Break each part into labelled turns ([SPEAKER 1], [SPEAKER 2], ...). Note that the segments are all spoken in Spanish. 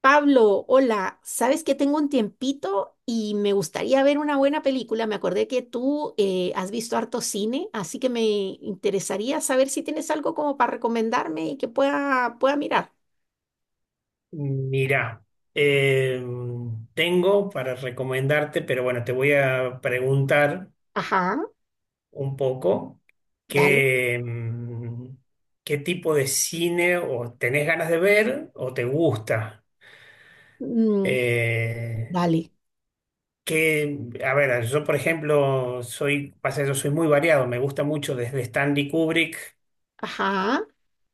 [SPEAKER 1] Pablo, hola, sabes que tengo un tiempito y me gustaría ver una buena película. Me acordé que tú has visto harto cine, así que me interesaría saber si tienes algo como para recomendarme y que pueda mirar.
[SPEAKER 2] Mira, eh, tengo para recomendarte, pero bueno, te voy a preguntar
[SPEAKER 1] Ajá,
[SPEAKER 2] un poco
[SPEAKER 1] dale.
[SPEAKER 2] qué, mm, qué tipo de cine o tenés ganas de ver o te gusta.
[SPEAKER 1] Mm,
[SPEAKER 2] Eh,
[SPEAKER 1] dale.
[SPEAKER 2] que, a ver, yo por ejemplo soy, pasa, yo soy muy variado, me gusta mucho desde Stanley Kubrick,
[SPEAKER 1] Ajá.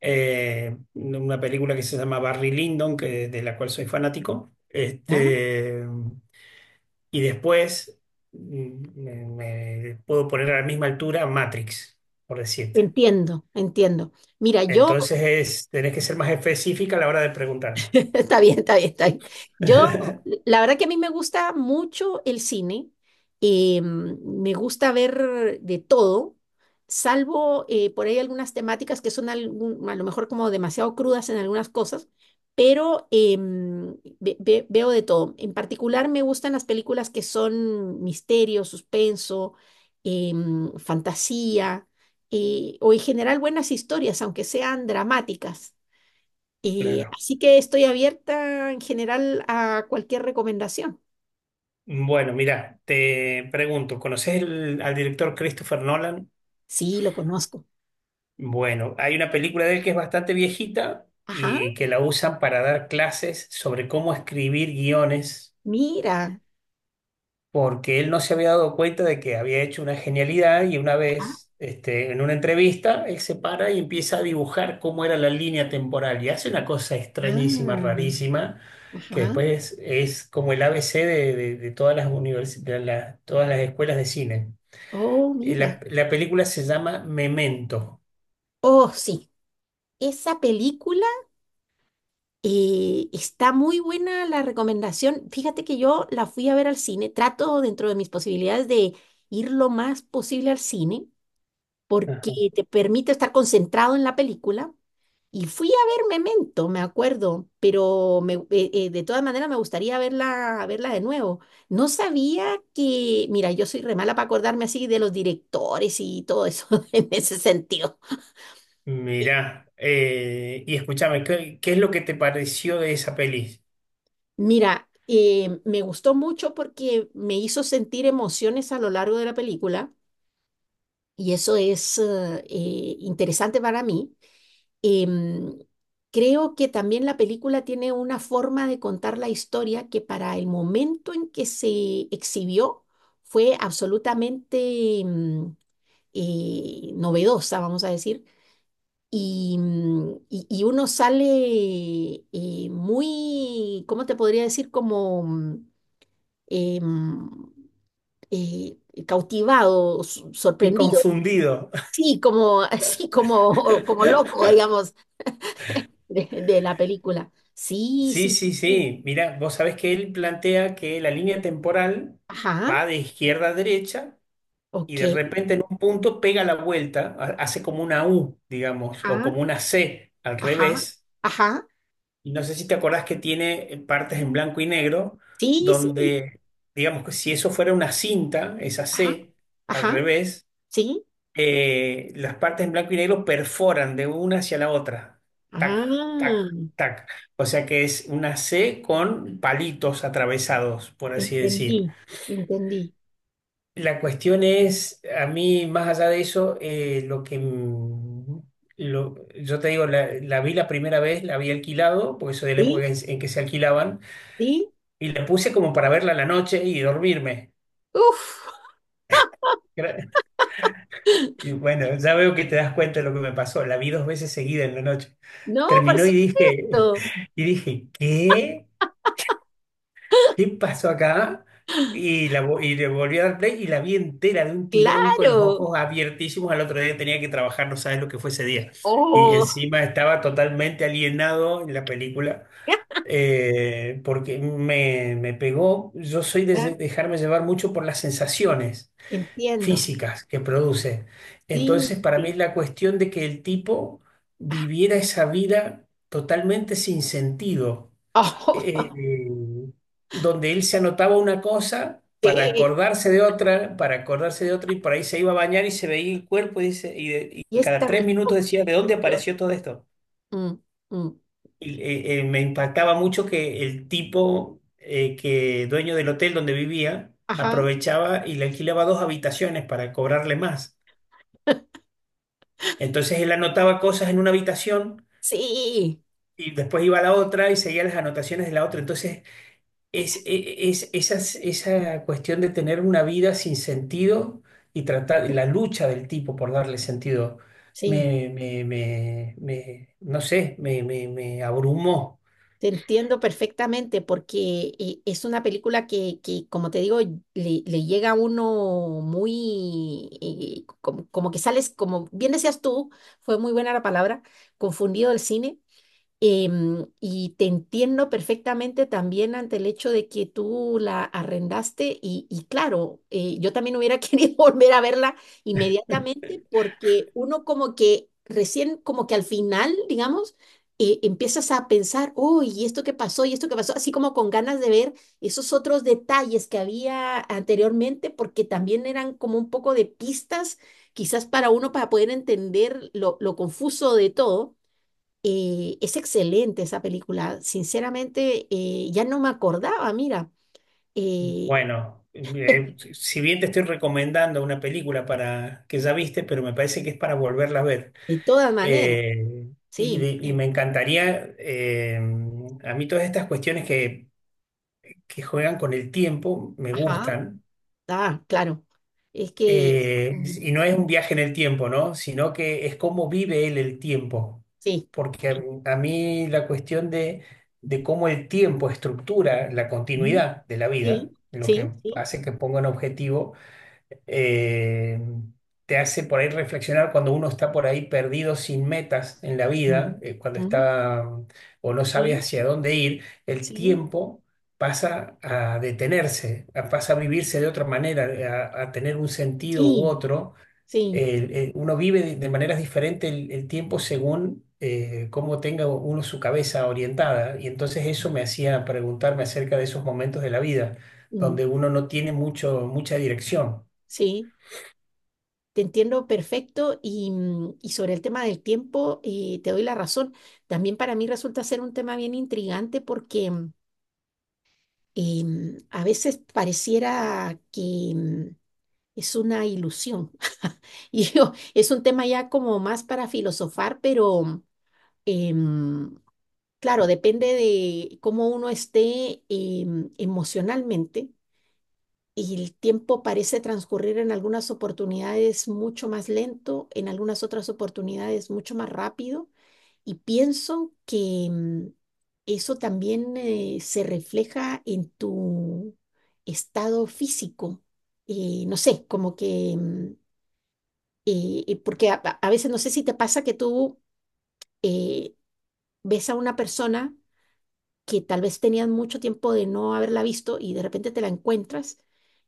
[SPEAKER 2] una película que se llama Barry Lyndon, de la cual soy fanático.
[SPEAKER 1] ¿Ya?
[SPEAKER 2] Y después me puedo poner a la misma altura Matrix, por decirte.
[SPEAKER 1] Entiendo, entiendo. Mira, yo.
[SPEAKER 2] Entonces tenés que ser más específica a la hora de preguntarme.
[SPEAKER 1] Está bien, está bien, está bien. Yo, la verdad que a mí me gusta mucho el cine. Me gusta ver de todo, salvo por ahí algunas temáticas que son a lo mejor como demasiado crudas en algunas cosas, pero veo de todo. En particular me gustan las películas que son misterio, suspenso, fantasía, o en general buenas historias, aunque sean dramáticas.
[SPEAKER 2] Claro.
[SPEAKER 1] Así que estoy abierta en general a cualquier recomendación.
[SPEAKER 2] Bueno, mira, te pregunto, ¿conoces al director Christopher Nolan?
[SPEAKER 1] Sí, lo conozco.
[SPEAKER 2] Bueno, hay una película de él que es bastante viejita
[SPEAKER 1] Ajá,
[SPEAKER 2] y que la usan para dar clases sobre cómo escribir guiones
[SPEAKER 1] mira.
[SPEAKER 2] porque él no se había dado cuenta de que había hecho una genialidad y una
[SPEAKER 1] Ajá,
[SPEAKER 2] vez, en una entrevista, él se para y empieza a dibujar cómo era la línea temporal y hace una cosa extrañísima,
[SPEAKER 1] ah,
[SPEAKER 2] rarísima, que
[SPEAKER 1] ajá.
[SPEAKER 2] después es como el ABC de todas las univers- de la- todas las escuelas de cine.
[SPEAKER 1] Oh,
[SPEAKER 2] Eh,
[SPEAKER 1] mira.
[SPEAKER 2] La, la película se llama Memento.
[SPEAKER 1] Oh, sí. Esa película está muy buena la recomendación. Fíjate que yo la fui a ver al cine. Trato dentro de mis posibilidades de ir lo más posible al cine, porque
[SPEAKER 2] Ajá.
[SPEAKER 1] te permite estar concentrado en la película. Y fui a ver Memento, me acuerdo, pero de todas maneras me gustaría verla, verla de nuevo. No sabía que, mira, yo soy re mala para acordarme así de los directores y todo eso en ese sentido.
[SPEAKER 2] Mirá, y escúchame, ¿qué es lo que te pareció de esa peli?
[SPEAKER 1] Mira, me gustó mucho porque me hizo sentir emociones a lo largo de la película y eso es interesante para mí. Em, Creo que también la película tiene una forma de contar la historia que para el momento en que se exhibió fue absolutamente novedosa, vamos a decir. Y, y uno sale muy, ¿cómo te podría decir? Como em, eh, cautivado,
[SPEAKER 2] Y
[SPEAKER 1] sorprendido,
[SPEAKER 2] confundido.
[SPEAKER 1] sí, como, así como, como loco, digamos, de la película. Sí,
[SPEAKER 2] Sí,
[SPEAKER 1] sí, sí.
[SPEAKER 2] sí,
[SPEAKER 1] Sí.
[SPEAKER 2] sí. Mira, vos sabés que él plantea que la línea temporal
[SPEAKER 1] Ajá,
[SPEAKER 2] va de izquierda a derecha y de
[SPEAKER 1] ok.
[SPEAKER 2] repente en un punto pega la vuelta, hace como una U, digamos, o
[SPEAKER 1] Ajá,
[SPEAKER 2] como una C al
[SPEAKER 1] ajá,
[SPEAKER 2] revés.
[SPEAKER 1] ajá.
[SPEAKER 2] Y no sé si te acordás que tiene partes en blanco y negro
[SPEAKER 1] Sí, sí.
[SPEAKER 2] donde, digamos que si eso fuera una cinta, esa
[SPEAKER 1] Ajá,
[SPEAKER 2] C al
[SPEAKER 1] ajá,
[SPEAKER 2] revés,
[SPEAKER 1] sí.
[SPEAKER 2] las partes en blanco y negro perforan de una hacia la otra. Tac, tac,
[SPEAKER 1] Ah,
[SPEAKER 2] tac. O sea que es una C con palitos atravesados, por así
[SPEAKER 1] entendí,
[SPEAKER 2] decir.
[SPEAKER 1] entendí.
[SPEAKER 2] La cuestión es, a mí, más allá de eso, lo que... mm, lo- yo te digo, la vi la primera vez, la había alquilado, porque soy de la
[SPEAKER 1] Sí,
[SPEAKER 2] época en que se alquilaban,
[SPEAKER 1] sí.
[SPEAKER 2] y la puse como para verla a la noche y dormirme.
[SPEAKER 1] Uf,
[SPEAKER 2] Y bueno, ya veo que te das cuenta de lo que me pasó. La vi dos veces seguida en la noche.
[SPEAKER 1] no, por
[SPEAKER 2] Terminó y dije,
[SPEAKER 1] supuesto.
[SPEAKER 2] y dije, ¿qué? ¿Qué pasó acá? Y le volví a dar play y la vi entera de un tirón con los
[SPEAKER 1] Claro.
[SPEAKER 2] ojos abiertísimos. Al otro día tenía que trabajar, no sabes lo que fue ese día. Y
[SPEAKER 1] Oh,
[SPEAKER 2] encima estaba totalmente alienado en la película,
[SPEAKER 1] ya,
[SPEAKER 2] porque me pegó. Yo soy de
[SPEAKER 1] ya,
[SPEAKER 2] de dejarme llevar mucho por las sensaciones
[SPEAKER 1] entiendo.
[SPEAKER 2] físicas que produce.
[SPEAKER 1] Sí,
[SPEAKER 2] Entonces, para mí es
[SPEAKER 1] sí.
[SPEAKER 2] la cuestión de que el tipo viviera esa vida totalmente sin sentido, eh,
[SPEAKER 1] Oh,
[SPEAKER 2] donde él se anotaba una cosa para
[SPEAKER 1] sí.
[SPEAKER 2] acordarse de otra, para acordarse de otra, y por ahí se iba a bañar y se veía el cuerpo y, dice, y, de-
[SPEAKER 1] Y
[SPEAKER 2] y cada
[SPEAKER 1] esta
[SPEAKER 2] tres
[SPEAKER 1] cuestión.
[SPEAKER 2] minutos decía, ¿de dónde
[SPEAKER 1] Claro.
[SPEAKER 2] apareció todo esto?
[SPEAKER 1] Mm, mm.
[SPEAKER 2] Y me impactaba mucho que el tipo, que dueño del hotel donde vivía,
[SPEAKER 1] Ajá,
[SPEAKER 2] aprovechaba y le alquilaba dos habitaciones para cobrarle más. Entonces él anotaba cosas en una habitación
[SPEAKER 1] sí.
[SPEAKER 2] y después iba a la otra y seguía las anotaciones de la otra. Entonces es, e- e, es, esas- esa cuestión de tener una vida sin sentido y tratar la lucha del tipo por darle sentido,
[SPEAKER 1] Sí,
[SPEAKER 2] no sé, me abrumó.
[SPEAKER 1] te entiendo perfectamente porque es una película que, como te digo, le llega a uno muy, como, como que sales, como bien decías tú, fue muy buena la palabra, confundido del cine. Y te entiendo perfectamente también ante el hecho de que tú la arrendaste y claro, yo también hubiera querido volver a verla inmediatamente porque uno como que recién, como que al final, digamos, empiezas a pensar, oh, y esto que pasó, y esto que pasó, así como con ganas de ver esos otros detalles que había anteriormente porque también eran como un poco de pistas quizás para uno para poder entender lo confuso de todo. Es excelente esa película. Sinceramente, ya no me acordaba, mira, eh,
[SPEAKER 2] Bueno, si bien te estoy recomendando una película para que ya viste, pero me parece que es para volverla a ver.
[SPEAKER 1] de todas maneras,
[SPEAKER 2] Eh, y,
[SPEAKER 1] sí,
[SPEAKER 2] de- y me
[SPEAKER 1] sí.
[SPEAKER 2] encantaría, a mí todas estas cuestiones que juegan con el tiempo me
[SPEAKER 1] Ajá,
[SPEAKER 2] gustan.
[SPEAKER 1] ah, claro. Es que,
[SPEAKER 2] Eh,
[SPEAKER 1] mm,
[SPEAKER 2] y no es un viaje en el tiempo, ¿no? Sino que es cómo vive él el tiempo.
[SPEAKER 1] sí,
[SPEAKER 2] Porque
[SPEAKER 1] sí,
[SPEAKER 2] a mí la cuestión de cómo el tiempo estructura la
[SPEAKER 1] ujú,
[SPEAKER 2] continuidad de la
[SPEAKER 1] sí,
[SPEAKER 2] vida, lo que
[SPEAKER 1] sí, sí,
[SPEAKER 2] hace que ponga un objetivo, eh, te hace por ahí reflexionar cuando uno está por ahí perdido sin metas en la
[SPEAKER 1] mm,
[SPEAKER 2] vida, cuando
[SPEAKER 1] mm,
[SPEAKER 2] está, o no sabe
[SPEAKER 1] sí,
[SPEAKER 2] hacia dónde ir, el
[SPEAKER 1] sí,
[SPEAKER 2] tiempo pasa a detenerse, pasa a vivirse de otra manera, a tener un sentido u
[SPEAKER 1] sí,
[SPEAKER 2] otro.
[SPEAKER 1] sí,
[SPEAKER 2] Uno vive de maneras diferentes el tiempo según... cómo tenga uno su cabeza orientada. Y entonces eso me hacía preguntarme acerca de esos momentos de la vida
[SPEAKER 1] mm,
[SPEAKER 2] donde uno no tiene mucha dirección.
[SPEAKER 1] sí. Te entiendo perfecto y, mm, y sobre el tema del tiempo, te doy la razón. También para mí resulta ser un tema bien intrigante porque... eh, a veces pareciera que es una ilusión. Es un tema ya como más para filosofar, pero em, claro, depende de cómo uno esté emocionalmente. Y el tiempo parece transcurrir en algunas oportunidades mucho más lento, en algunas otras oportunidades mucho más rápido. Y pienso que eso también se refleja en tu estado físico. No sé, como que, porque a veces no sé si te pasa que tú eh, ves a una persona que tal vez tenías mucho tiempo de no haberla visto y de repente te la encuentras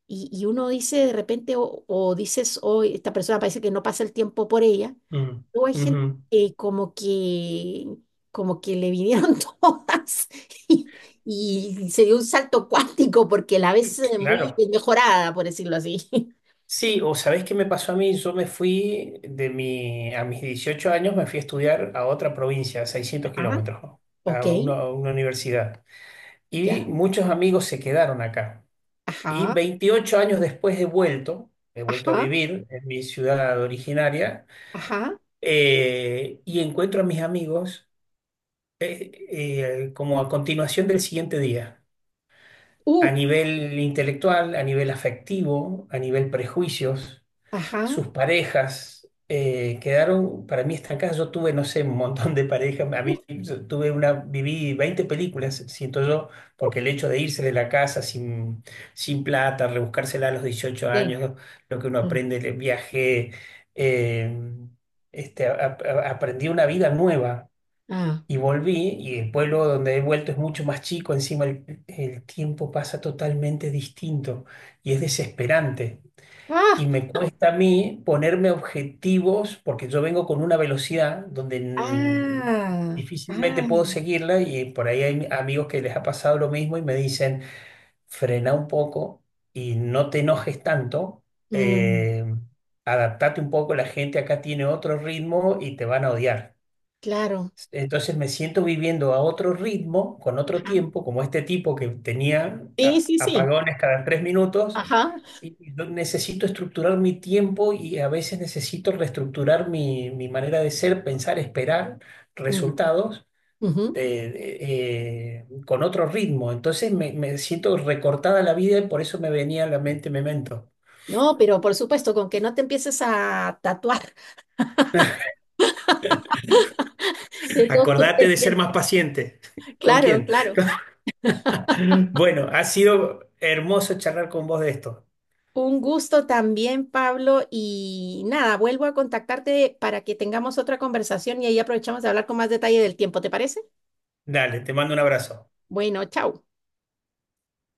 [SPEAKER 1] y uno dice de repente o dices, hoy esta persona parece que no pasa el tiempo por ella.
[SPEAKER 2] Mm,
[SPEAKER 1] Luego hay gente
[SPEAKER 2] ujú,
[SPEAKER 1] que como que, como que le vinieron todas y, y se dio un salto cuántico porque la ves muy
[SPEAKER 2] claro.
[SPEAKER 1] mejorada, por decirlo así.
[SPEAKER 2] Sí, o ¿sabés qué me pasó a mí? Yo me fui a mis 18 años me fui a estudiar a otra provincia, a 600
[SPEAKER 1] Ajá,
[SPEAKER 2] kilómetros, ¿no?
[SPEAKER 1] ok,
[SPEAKER 2] A una universidad. Y
[SPEAKER 1] ya,
[SPEAKER 2] muchos amigos se quedaron acá. Y
[SPEAKER 1] ajá,
[SPEAKER 2] 28 años después he vuelto a
[SPEAKER 1] ajá,
[SPEAKER 2] vivir en mi ciudad originaria,
[SPEAKER 1] ajá,
[SPEAKER 2] y encuentro a mis amigos, como a continuación del siguiente día,
[SPEAKER 1] uh,
[SPEAKER 2] a nivel intelectual, a nivel afectivo, a nivel prejuicios
[SPEAKER 1] ajá,
[SPEAKER 2] sus parejas, quedaron para mí estancadas. Yo tuve, no sé, un montón de parejas. A
[SPEAKER 1] uh,
[SPEAKER 2] mí yo tuve una, viví 20 películas, siento yo, porque el hecho de irse de la casa sin plata, rebuscársela a los dieciocho
[SPEAKER 1] eh,
[SPEAKER 2] años, lo que uno
[SPEAKER 1] mm,
[SPEAKER 2] aprende, el viaje, eh, aprendí una vida nueva.
[SPEAKER 1] ah,
[SPEAKER 2] Y volví, y el pueblo donde he vuelto es mucho más chico, encima el tiempo pasa totalmente distinto y es desesperante. Y
[SPEAKER 1] ah,
[SPEAKER 2] me cuesta a mí ponerme objetivos porque yo vengo con una velocidad donde,
[SPEAKER 1] ah,
[SPEAKER 2] difícilmente puedo
[SPEAKER 1] ah,
[SPEAKER 2] seguirla y por ahí hay amigos que les ha pasado lo mismo y me dicen, frena un poco y no te enojes tanto,
[SPEAKER 1] mm,
[SPEAKER 2] eh, adaptate un poco, la gente acá tiene otro ritmo y te van a odiar.
[SPEAKER 1] claro,
[SPEAKER 2] Entonces me siento viviendo a otro ritmo, con otro
[SPEAKER 1] ajá,
[SPEAKER 2] tiempo, como este tipo que tenía
[SPEAKER 1] sí, sí, sí,
[SPEAKER 2] apagones cada 3 minutos
[SPEAKER 1] ajá,
[SPEAKER 2] y yo necesito estructurar mi tiempo y a veces necesito reestructurar mi manera de ser, pensar, esperar
[SPEAKER 1] mm,
[SPEAKER 2] resultados
[SPEAKER 1] ujú.
[SPEAKER 2] de- de- con otro ritmo. Entonces me siento recortada la vida y por eso me venía a la mente Memento.
[SPEAKER 1] No, pero por supuesto, con que no te empieces a tatuar. Estuvo
[SPEAKER 2] Acordate
[SPEAKER 1] súper
[SPEAKER 2] de
[SPEAKER 1] bien.
[SPEAKER 2] ser más paciente. ¿Con
[SPEAKER 1] Claro,
[SPEAKER 2] quién?
[SPEAKER 1] claro.
[SPEAKER 2] Bueno, ha sido hermoso charlar con vos de esto.
[SPEAKER 1] Un gusto también, Pablo. Y nada, vuelvo a contactarte para que tengamos otra conversación y ahí aprovechamos de hablar con más detalle del tiempo, ¿te parece?
[SPEAKER 2] Dale, te mando un abrazo.
[SPEAKER 1] Bueno, chao.